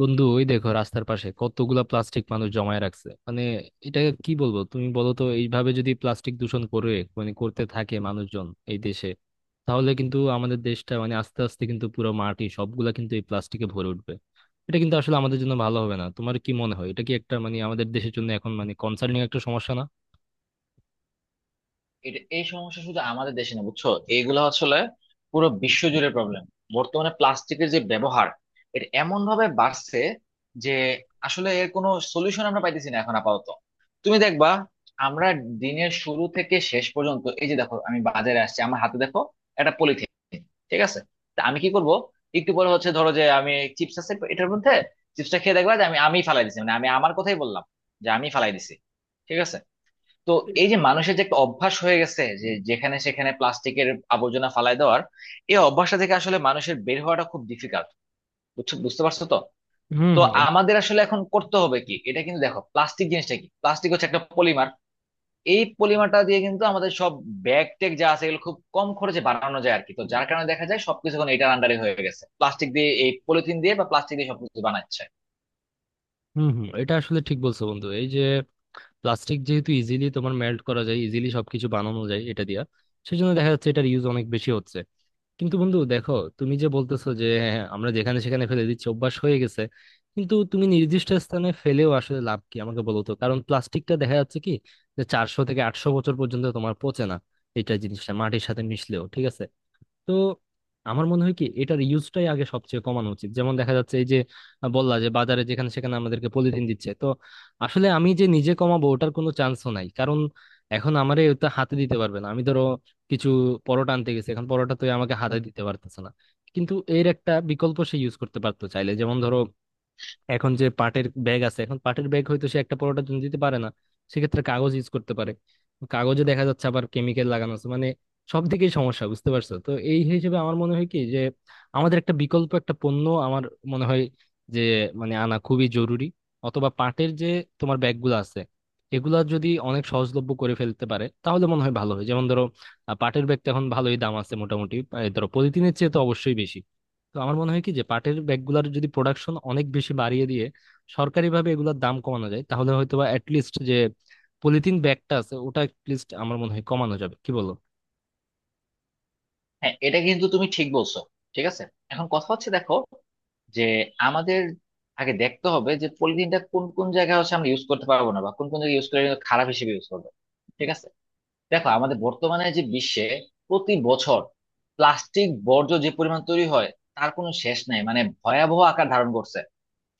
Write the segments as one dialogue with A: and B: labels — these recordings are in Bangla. A: বন্ধু, ওই দেখো রাস্তার পাশে কতগুলা প্লাস্টিক মানুষ জমায় রাখছে। এটা কি বলবো, তুমি বলো তো। এইভাবে যদি প্লাস্টিক দূষণ করে, করতে থাকে মানুষজন এই দেশে, তাহলে কিন্তু আমাদের দেশটা, আস্তে আস্তে কিন্তু পুরো মাটি সবগুলা কিন্তু এই প্লাস্টিকে ভরে উঠবে। এটা কিন্তু আসলে আমাদের জন্য ভালো হবে না। তোমার কি মনে হয়, এটা কি একটা আমাদের দেশের জন্য এখন কনসার্নিং একটা সমস্যা না?
B: এটা এই সমস্যা শুধু আমাদের দেশে না, বুঝছো? এইগুলো আসলে পুরো বিশ্বজুড়ে প্রবলেম। বর্তমানে প্লাস্টিকের যে ব্যবহার, এটা এমন ভাবে বাড়ছে যে আসলে এর কোনো সলিউশন আমরা পাইতেছি না এখন আপাতত। তুমি দেখবা, আমরা দিনের শুরু থেকে শেষ পর্যন্ত, এই যে দেখো আমি বাজারে আসছি, আমার হাতে দেখো একটা পলিথিন। ঠিক আছে, তা আমি কি করব? একটু পরে হচ্ছে, ধরো যে আমি, চিপস আছে এটার মধ্যে, চিপসটা খেয়ে দেখবা যে আমি আমি ফালাই দিছি, মানে আমি আমার কথাই বললাম যে আমি ফালাই দিছি। ঠিক আছে, তো এই যে মানুষের যে একটা অভ্যাস হয়ে গেছে, যে যেখানে সেখানে প্লাস্টিকের আবর্জনা ফালায় দেওয়ার, এই অভ্যাসটা থেকে আসলে মানুষের বের হওয়াটা খুব ডিফিকাল্ট। বুঝছো? বুঝতে পারছো তো?
A: হুম,
B: তো
A: হুম,
B: আমাদের আসলে এখন করতে হবে কি, এটা কিন্তু দেখো, প্লাস্টিক জিনিসটা কি? প্লাস্টিক হচ্ছে একটা পলিমার। এই পলিমারটা দিয়ে কিন্তু আমাদের সব ব্যাগ টেক যা আছে এগুলো খুব কম খরচে বানানো যায় আর কি, তো যার কারণে দেখা যায় সবকিছু এখন এটার আন্ডারে হয়ে গেছে, প্লাস্টিক দিয়ে, এই পলিথিন দিয়ে বা প্লাস্টিক দিয়ে সবকিছু বানাচ্ছে।
A: হুম, হুম, এটা আসলে ঠিক বলছো বন্ধু। এই যে প্লাস্টিক যেহেতু ইজিলি তোমার মেল্ট করা যায়, ইজিলি সবকিছু বানানো যায় এটা দিয়া, সেজন্য দেখা যাচ্ছে এটার ইউজ অনেক বেশি হচ্ছে। কিন্তু বন্ধু দেখো, তুমি যে বলতেছো যে হ্যাঁ, আমরা যেখানে সেখানে ফেলে দিচ্ছি, অভ্যাস হয়ে গেছে, কিন্তু তুমি নির্দিষ্ট স্থানে ফেলেও আসলে লাভ কি আমাকে বলো তো। কারণ প্লাস্টিকটা দেখা যাচ্ছে কি, যে 400 থেকে 800 বছর পর্যন্ত তোমার পচে না। এটা জিনিসটা মাটির সাথে মিশলেও ঠিক আছে। তো আমার মনে হয় কি, এটার ইউজটাই আগে সবচেয়ে কমানো উচিত। যেমন দেখা যাচ্ছে এই যে বললা যে বাজারে যেখানে সেখানে আমাদেরকে পলিথিন দিচ্ছে, তো আসলে আমি যে নিজে কমাবো ওটার কোনো চান্সও নাই। কারণ এখন আমারে ওটা হাতে দিতে পারবে না। আমি ধরো কিছু পরোটা আনতে গেছি, এখন পরোটা তো এ আমাকে হাতে দিতে পারতেছে না। কিন্তু এর একটা বিকল্প সে ইউজ করতে পারতো চাইলে। যেমন ধরো এখন যে পাটের ব্যাগ আছে, এখন পাটের ব্যাগ হয়তো সে একটা পরোটার জন্য দিতে পারে না, সেক্ষেত্রে কাগজ ইউজ করতে পারে। কাগজে দেখা যাচ্ছে আবার কেমিক্যাল লাগানো আছে, সব দিকেই সমস্যা, বুঝতে পারছো তো? এই হিসেবে আমার মনে হয় কি যে, আমাদের একটা বিকল্প একটা পণ্য আমার মনে হয় যে আনা খুবই জরুরি, অথবা পাটের যে তোমার ব্যাগগুলো আছে, এগুলা যদি অনেক সহজলভ্য করে ফেলতে পারে তাহলে মনে হয় ভালো হয়। যেমন ধরো, পাটের ব্যাগটা এখন ভালোই দাম আছে মোটামুটি, ধরো পলিথিনের চেয়ে তো অবশ্যই বেশি। তো আমার মনে হয় কি যে পাটের ব্যাগগুলোর যদি প্রোডাকশন অনেক বেশি বাড়িয়ে দিয়ে সরকারিভাবে এগুলোর দাম কমানো যায়, তাহলে হয়তোবা বা লিস্ট যে পলিথিন ব্যাগটা আছে ওটা লিস্ট আমার মনে হয় কমানো যাবে। কি বলো?
B: হ্যাঁ, এটা কিন্তু তুমি ঠিক বলছো। ঠিক আছে, এখন কথা হচ্ছে দেখো, যে আমাদের আগে দেখতে হবে যে পলিথিনটা কোন কোন জায়গায় হচ্ছে আমরা ইউজ করতে পারবো না, বা কোন কোন জায়গায় ইউজ করলে কিন্তু খারাপ হিসেবে ইউজ করবো। ঠিক আছে, দেখো আমাদের বর্তমানে যে বিশ্বে প্রতি বছর প্লাস্টিক বর্জ্য যে পরিমাণ তৈরি হয়, তার কোনো শেষ নাই, মানে ভয়াবহ আকার ধারণ করছে।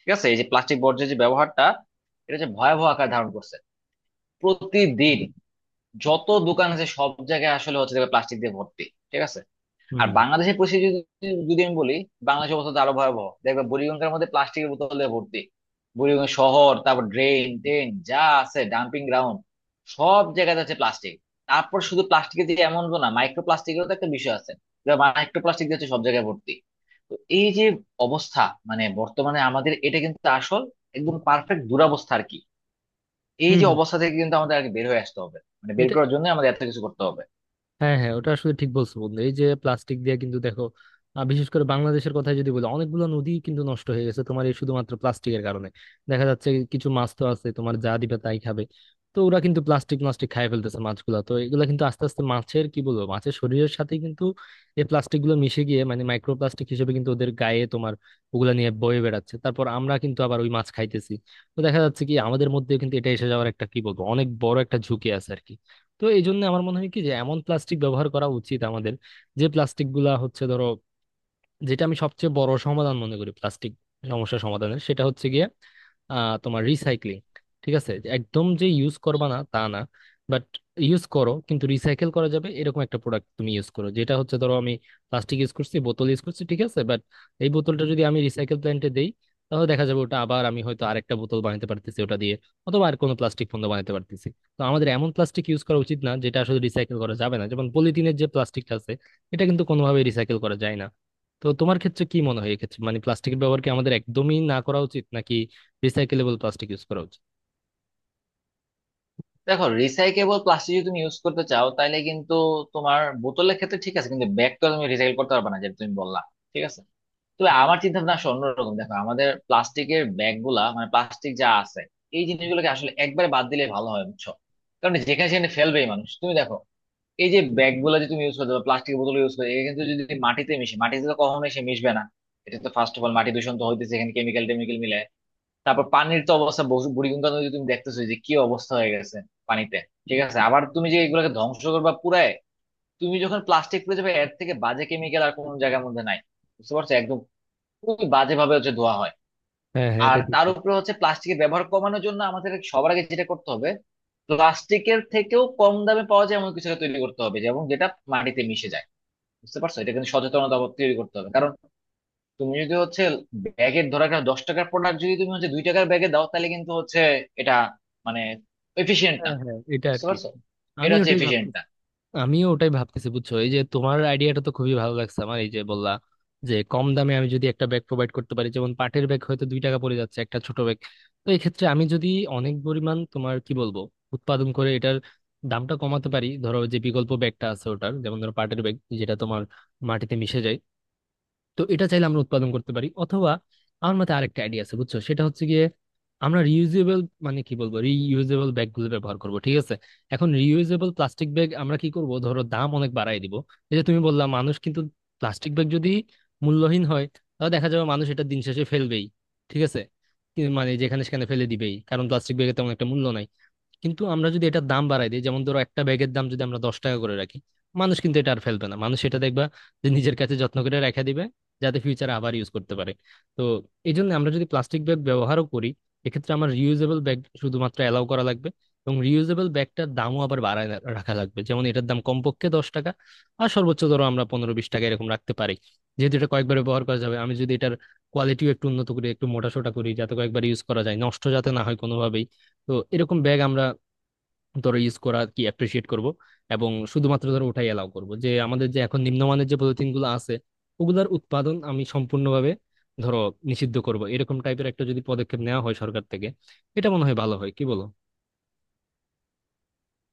B: ঠিক আছে, এই যে প্লাস্টিক বর্জ্যের যে ব্যবহারটা, এটা যে ভয়াবহ আকার ধারণ করছে, প্রতিদিন যত দোকান আছে সব জায়গায় আসলে হচ্ছে প্লাস্টিক দিয়ে ভর্তি। ঠিক আছে, আর
A: হুম।
B: বাংলাদেশের পরিস্থিতি যদি, যদি আমি বলি, বাংলাদেশের অবস্থা তো আরো ভয়াবহ, দেখবে বুড়িগঙ্গার মধ্যে প্লাস্টিকের বোতলে ভর্তি। বুড়িগঙ্গা শহর, তারপর ড্রেন টেন যা আছে, ডাম্পিং গ্রাউন্ড, সব জায়গায় আছে প্লাস্টিক। তারপর শুধু প্লাস্টিকের যে এমন তো না, মাইক্রো প্লাস্টিকেরও তো একটা বিষয় আছে। মাইক্রো প্লাস্টিক দিয়ে হচ্ছে সব জায়গায় ভর্তি। তো এই যে অবস্থা, মানে বর্তমানে আমাদের, এটা কিন্তু আসল, একদম পারফেক্ট দুরবস্থা আর কি। এই
A: হুম,
B: যে
A: হুম।
B: অবস্থা থেকে কিন্তু আমাদের আর কি বের হয়ে আসতে হবে, মানে বের
A: এটা,
B: করার জন্য আমাদের এত কিছু করতে হবে।
A: হ্যাঁ, হ্যাঁ, ওটা আসলে ঠিক বলছো বন্ধু। এই যে প্লাস্টিক দিয়ে কিন্তু দেখো, বিশেষ করে বাংলাদেশের কথা যদি বলি, অনেকগুলো নদী কিন্তু নষ্ট হয়ে গেছে তোমার এই শুধুমাত্র প্লাস্টিকের কারণে। দেখা যাচ্ছে কিছু মাছ তো আছে তোমার, যা দিবে তাই খাবে, তো ওরা কিন্তু প্লাস্টিক প্লাস্টিক খাই ফেলতেছে মাছগুলা। তো এগুলা কিন্তু আস্তে আস্তে মাছের কি বলবো, মাছের শরীরের সাথে কিন্তু এই প্লাস্টিক গুলো মিশে গিয়ে মাইক্রোপ্লাস্টিক হিসেবে কিন্তু ওদের গায়ে তোমার ওগুলা নিয়ে বয়ে বেড়াচ্ছে। তারপর আমরা কিন্তু আবার ওই মাছ খাইতেছি। তো দেখা যাচ্ছে কি, আমাদের মধ্যে কিন্তু এটা এসে যাওয়ার একটা কি বলবো, অনেক বড় একটা ঝুঁকি আছে আর কি। তো এই জন্য আমার মনে হয় কি যে, এমন প্লাস্টিক ব্যবহার করা উচিত আমাদের, যে প্লাস্টিক গুলা হচ্ছে ধরো, যেটা আমি সবচেয়ে বড় সমাধান মনে করি প্লাস্টিক সমস্যা সমাধানের, সেটা হচ্ছে গিয়ে তোমার রিসাইক্লিং। ঠিক আছে, যে একদম যে ইউজ করবা না তা না, বাট ইউজ করো কিন্তু রিসাইকেল করা যাবে এরকম একটা প্রোডাক্ট তুমি ইউজ করো। যেটা হচ্ছে ধরো আমি প্লাস্টিক ইউজ করছি, বোতল ইউজ করছি, ঠিক আছে, বাট এই বোতলটা যদি আমি রিসাইকেল প্ল্যান্টে দেই, তাহলে দেখা যাবে ওটা আবার আমি হয়তো আরেকটা বোতল বানাতে পারতেছি ওটা দিয়ে, অথবা আর কোনো প্লাস্টিক পণ্য বানাতে পারতেছি। তো আমাদের এমন প্লাস্টিক ইউজ করা উচিত না যেটা আসলে রিসাইকেল করা যাবে না, যেমন পলিথিনের যে প্লাস্টিকটা আছে এটা কিন্তু কোনোভাবে রিসাইকেল করা যায় না। তো তোমার ক্ষেত্রে কি মনে হয় এক্ষেত্রে, প্লাস্টিকের ব্যবহার কি আমাদের একদমই না করা উচিত, নাকি রিসাইকেলেবল প্লাস্টিক ইউজ করা উচিত?
B: দেখো, রিসাইকেবল প্লাস্টিক যদি তুমি ইউজ করতে চাও, তাহলে কিন্তু তোমার বোতলের ক্ষেত্রে ঠিক আছে, কিন্তু ব্যাগ তো তুমি রিসাইকেল করতে পারবে না, যেটা তুমি বললা। ঠিক আছে, তবে আমার চিন্তা ভাবনা আসলে অন্যরকম। দেখো, আমাদের প্লাস্টিকের ব্যাগ গুলা মানে প্লাস্টিক যা আছে, এই জিনিসগুলোকে আসলে একবারে বাদ দিলে ভালো হয়, বুঝছো? কারণ যেখানে সেখানে ফেলবেই মানুষ, তুমি দেখো এই যে ব্যাগ গুলো যে তুমি ইউজ করতে বা প্লাস্টিকের বোতল ইউজ করতে, কিন্তু যদি মাটিতে মিশে, মাটিতে তো কখনোই সে মিশবে না। এটা তো ফার্স্ট অফ অল মাটি দূষণ তো হইতেছে, এখানে কেমিক্যাল টেমিক্যাল মিলে। তারপর পানির তো অবস্থা, বুড়িগঙ্গা নদী তুমি দেখতেছো যে কি অবস্থা হয়ে গেছে পানিতে। ঠিক আছে, আবার তুমি যে এগুলোকে ধ্বংস করবা পুরায়, তুমি যখন প্লাস্টিক পুড়ে যাবে, এর থেকে বাজে কেমিক্যাল আর কোনো জায়গার মধ্যে নাই। বুঝতে পারছো? একদম খুবই বাজে ভাবে হচ্ছে ধোয়া হয়।
A: হ্যাঁ, হ্যাঁ,
B: আর
A: এটা ঠিক
B: তার
A: বলছো।
B: উপরে হচ্ছে, প্লাস্টিকের ব্যবহার কমানোর জন্য আমাদের সবার আগে যেটা করতে হবে, প্লাস্টিকের থেকেও কম দামে পাওয়া যায় এমন কিছু একটা তৈরি করতে হবে, যেমন যেটা মাটিতে মিশে যায়। বুঝতে পারছো? এটা কিন্তু সচেতনতা তৈরি করতে হবে, কারণ তুমি যদি হচ্ছে ব্যাগের ধরো একটা 10 টাকার প্রোডাক্ট যদি তুমি হচ্ছে 2 টাকার ব্যাগে দাও, তাহলে কিন্তু হচ্ছে এটা মানে এফিশিয়েন্ট না।
A: হ্যাঁ, হ্যাঁ, এটা আর
B: বুঝতে
A: কি,
B: পারছো? এটা
A: আমি
B: হচ্ছে
A: ওটাই ভাবছি।
B: এফিশিয়েন্ট না।
A: আমিও ওটাই ভাবতেছি, বুঝছো। এই যে তোমার আইডিয়াটা তো খুবই ভালো লাগছে আমার, এই যে বললা যে কম দামে আমি যদি একটা ব্যাগ প্রোভাইড করতে পারি, যেমন পাটের ব্যাগ হয়তো 2 টাকা পড়ে যাচ্ছে একটা ছোট ব্যাগ। তো এই ক্ষেত্রে আমি যদি অনেক পরিমাণ তোমার কি বলবো উৎপাদন করে এটার দামটা কমাতে পারি, ধরো যে বিকল্প ব্যাগটা আছে ওটার, যেমন ধরো পাটের ব্যাগ যেটা তোমার মাটিতে মিশে যায়, তো এটা চাইলে আমরা উৎপাদন করতে পারি। অথবা আমার মতে আরেকটা আইডিয়া আছে বুঝছো, সেটা হচ্ছে গিয়ে আমরা রিইউজেবল, কি বলবো, রিইউজেবল ব্যাগগুলো ব্যবহার করব, ঠিক আছে? এখন রিইউজেবল প্লাস্টিক ব্যাগ আমরা কি করব, ধরো দাম অনেক বাড়ায় দিব। এই যে তুমি বললা মানুষ কিন্তু, প্লাস্টিক ব্যাগ যদি মূল্যহীন হয়, তাহলে দেখা যাবে মানুষ এটা দিন শেষে ফেলবেই, ঠিক আছে, কি- মানে যেখানে সেখানে ফেলে দিবেই, কারণ প্লাস্টিক ব্যাগের তেমন একটা মূল্য নাই। কিন্তু আমরা যদি এটার দাম বাড়াই দিই, যেমন ধরো একটা ব্যাগের দাম যদি আমরা 10 টাকা করে রাখি, মানুষ কিন্তু এটা আর ফেলবে না, মানুষ এটা দেখবা যে নিজের কাছে যত্ন করে রেখে দিবে, যাতে ফিউচারে আবার ইউজ করতে পারে। তো এই জন্য আমরা যদি প্লাস্টিক ব্যাগ ব্যবহারও করি, এক্ষেত্রে আমার রিউজেবল ব্যাগ শুধুমাত্র অ্যালাউ করা লাগবে, এবং রিউজেবল ব্যাগটার দামও আবার বাড়ায় রাখা লাগবে। যেমন এটার দাম কমপক্ষে 10 টাকা, আর সর্বোচ্চ ধরো আমরা 15-20 টাকা এরকম রাখতে পারি, যেহেতু এটা কয়েকবার ব্যবহার করা যাবে। আমি যদি এটার কোয়ালিটিও একটু উন্নত করি, একটু মোটা সোটা করি যাতে কয়েকবার ইউজ করা যায়, নষ্ট যাতে না হয় কোনোভাবেই, তো এরকম ব্যাগ আমরা ধরো ইউজ করা কি অ্যাপ্রিসিয়েট করব, এবং শুধুমাত্র ধরো ওটাই অ্যালাউ করব। যে আমাদের যে এখন নিম্নমানের যে পলিথিনগুলো আছে, ওগুলার উৎপাদন আমি সম্পূর্ণভাবে ধরো নিষিদ্ধ করব, এরকম টাইপের একটা যদি পদক্ষেপ নেওয়া হয় সরকার থেকে, এটা মনে হয় ভালো হয়। কি বলো?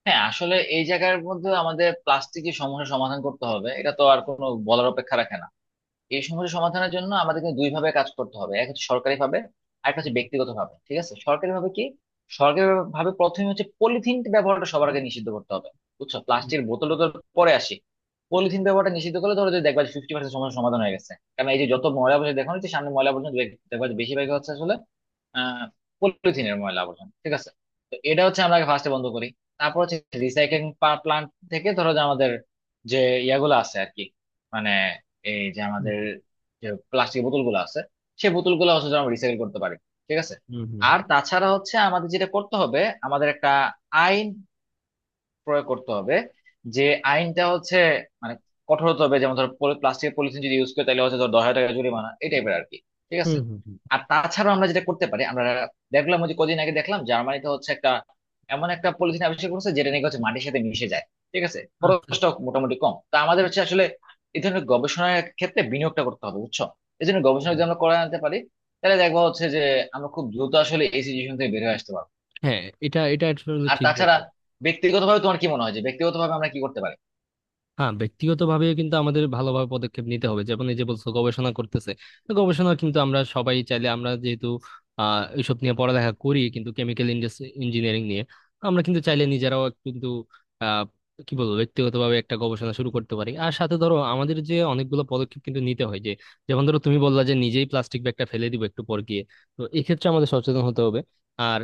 B: হ্যাঁ, আসলে এই জায়গার মধ্যে আমাদের প্লাস্টিকের সমস্যা সমাধান করতে হবে, এটা তো আর কোনো বলার অপেক্ষা রাখে না। এই সমস্যা সমাধানের জন্য আমাদের কিন্তু দুই ভাবে কাজ করতে হবে, এক হচ্ছে সরকারি ভাবে, আর একটা হচ্ছে
A: হুম।
B: ব্যক্তিগত ভাবে। ঠিক আছে, সরকারি ভাবে কি, সরকারি ভাবে প্রথমে হচ্ছে পলিথিন ব্যবহারটা সবার আগে নিষিদ্ধ করতে হবে। বুঝছো, প্লাস্টিকের বোতল টোতল পরে আসি। পলিথিন ব্যবহারটা নিষিদ্ধ করলে ধরো যে দেখবা 50% সমস্যা সমাধান হয়ে গেছে, কারণ এই যে যত ময়লা আবর্জনা দেখো না, যে সামনে ময়লা আবর্জনা দেখবা যে বেশিরভাগ হচ্ছে আসলে আহ পলিথিনের ময়লা আবর্জনা। ঠিক আছে, তো এটা হচ্ছে আমরা আগে ফার্স্টে বন্ধ করি। তারপর হচ্ছে রিসাইক্লিং প্লান্ট থেকে ধরো যে আমাদের, যে ইয়াগুলো আছে আর কি, মানে এই যে
A: হুম,
B: আমাদের যে প্লাস্টিকের বোতল গুলো আছে, সেই বোতল গুলো হচ্ছে যে আমরা রিসাইকেল করতে পারি। ঠিক আছে,
A: হুম। হুম,
B: আর
A: হুম,
B: তাছাড়া হচ্ছে আমাদের যেটা করতে হবে, আমাদের একটা আইন প্রয়োগ করতে হবে, যে আইনটা হচ্ছে মানে কঠোর হতে হবে। যেমন ধর প্লাস্টিকের পলিথিন যদি ইউজ করে, তাহলে হচ্ছে ধর 10,000 টাকা জরিমানা, এই টাইপের আর কি। ঠিক
A: হুম।
B: আছে,
A: হুম, হুম।
B: আর তাছাড়া আমরা যেটা করতে পারি, আমরা দেখলাম ওই যে কদিন আগে দেখলাম জার্মানিতে হচ্ছে একটা, এমন একটা পলিথিন আবিষ্কার করেছে যেটা নাকি হচ্ছে মাটির সাথে মিশে যায়। ঠিক আছে,
A: আচ্ছা।
B: খরচটা মোটামুটি কম, তা আমাদের হচ্ছে আসলে এই ধরনের গবেষণার ক্ষেত্রে বিনিয়োগটা করতে হবে। বুঝছো? এই জন্য গবেষণা
A: হুম।
B: যদি আমরা করে আনতে পারি, তাহলে দেখবো হচ্ছে যে আমরা খুব দ্রুত আসলে এই সিচুয়েশন থেকে বের হয়ে আসতে পারবো।
A: হ্যাঁ, এটা, এটা আসলে
B: আর
A: ঠিক
B: তাছাড়া
A: বলছো।
B: ব্যক্তিগতভাবে তোমার কি মনে হয়, যে ব্যক্তিগতভাবে আমরা কি করতে পারি?
A: হ্যাঁ, ব্যক্তিগতভাবে কিন্তু আমাদের ভালোভাবে পদক্ষেপ নিতে হবে। যেমন এই যে বলছো গবেষণা করতেছে, তো গবেষণা কিন্তু আমরা সবাই চাইলে, আমরা যেহেতু এইসব নিয়ে পড়ালেখা করি কিন্তু কেমিক্যাল ইঞ্জিনিয়ারিং নিয়ে, আমরা কিন্তু চাইলে নিজেরাও কিন্তু আহ কি বলবো, ব্যক্তিগতভাবে একটা গবেষণা শুরু করতে পারি। আর সাথে ধরো আমাদের যে অনেকগুলো পদক্ষেপ কিন্তু নিতে হয় যে, যেমন ধরো তুমি বললা যে নিজেই প্লাস্টিক ব্যাগটা ফেলে দিব একটু পর গিয়ে, তো এক্ষেত্রে আমাদের সচেতন হতে হবে। আর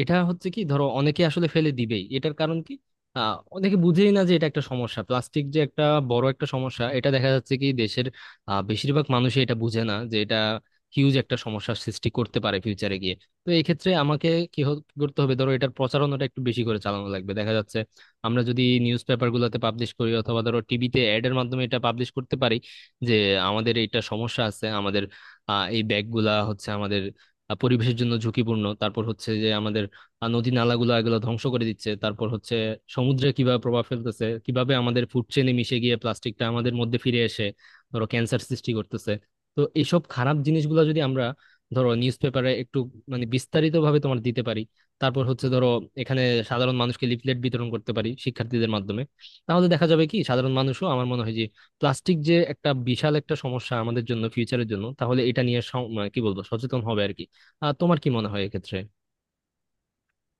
A: এটা হচ্ছে কি, ধরো অনেকে আসলে ফেলে দিবেই, এটার কারণ কি, অনেকে বুঝেই না যে এটা একটা সমস্যা, প্লাস্টিক যে একটা বড় একটা সমস্যা। এটা দেখা যাচ্ছে কি দেশের বেশিরভাগ মানুষই এটা বুঝে না যে এটা হিউজ একটা সমস্যার সৃষ্টি করতে পারে ফিউচারে গিয়ে। তো এই ক্ষেত্রে আমাকে কি করতে হবে, ধরো এটার প্রচারণাটা একটু বেশি করে চালানো লাগবে। দেখা যাচ্ছে আমরা যদি নিউজ পেপার গুলোতে পাবলিশ করি, অথবা ধরো টিভিতে অ্যাড এর মাধ্যমে এটা পাবলিশ করতে পারি যে আমাদের এটা সমস্যা আছে, আমাদের এই ব্যাগগুলা হচ্ছে আমাদের পরিবেশের জন্য ঝুঁকিপূর্ণ। তারপর হচ্ছে যে আমাদের আর নদী নালাগুলো এগুলো ধ্বংস করে দিচ্ছে, তারপর হচ্ছে সমুদ্রে কিভাবে প্রভাব ফেলতেছে, কিভাবে আমাদের ফুড চেইনে মিশে গিয়ে প্লাস্টিকটা আমাদের মধ্যে ফিরে এসে ধরো ক্যান্সার সৃষ্টি করতেছে। তো এইসব খারাপ জিনিসগুলো যদি আমরা ধরো নিউজ পেপারে একটু বিস্তারিত ভাবে তোমার দিতে পারি, তারপর হচ্ছে ধরো এখানে সাধারণ মানুষকে লিফলেট বিতরণ করতে পারি শিক্ষার্থীদের মাধ্যমে, তাহলে দেখা যাবে কি সাধারণ মানুষও আমার মনে হয় যে প্লাস্টিক যে একটা বিশাল একটা সমস্যা আমাদের জন্য, ফিউচারের জন্য, তাহলে এটা নিয়ে সম- মানে কি বলবো, সচেতন হবে আর কি। তোমার কি মনে হয় এক্ষেত্রে?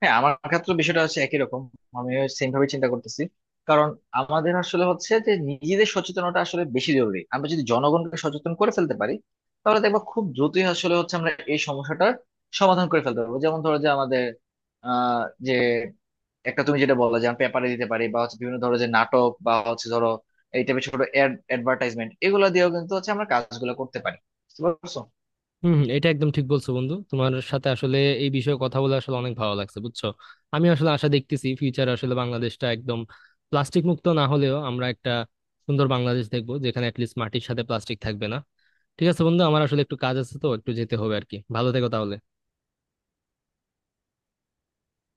B: হ্যাঁ, আমার ক্ষেত্রে বিষয়টা হচ্ছে একই রকম, আমি সেম ভাবে চিন্তা করতেছি। কারণ আমাদের আসলে হচ্ছে যে নিজেদের সচেতনতা আসলে বেশি জরুরি। আমরা যদি জনগণকে সচেতন করে ফেলতে পারি, তাহলে দেখবো খুব দ্রুতই আসলে হচ্ছে আমরা এই সমস্যাটার সমাধান করে ফেলতে পারবো। যেমন ধরো যে আমাদের, যে একটা, তুমি যেটা বললে যে আমি পেপারে দিতে পারি, বা হচ্ছে বিভিন্ন ধরো যে নাটক, বা হচ্ছে ধরো এই টাইপের ছোট অ্যাডভার্টাইজমেন্ট, এগুলো দিয়েও কিন্তু হচ্ছে আমরা কাজগুলো করতে পারি। বুঝতে পারছো?
A: হম, হম, এটা একদম ঠিক বলছো বন্ধু। তোমার সাথে আসলে এই বিষয়ে কথা বলে আসলে অনেক ভালো লাগছে, বুঝছো। আমি আসলে আশা দেখতেছি ফিউচার আসলে বাংলাদেশটা একদম প্লাস্টিক মুক্ত না হলেও, আমরা একটা সুন্দর বাংলাদেশ দেখবো যেখানে অ্যাটলিস্ট মাটির সাথে প্লাস্টিক থাকবে না। ঠিক আছে বন্ধু, আমার আসলে একটু কাজ আছে তো একটু যেতে হবে আর কি। ভালো থেকো তাহলে।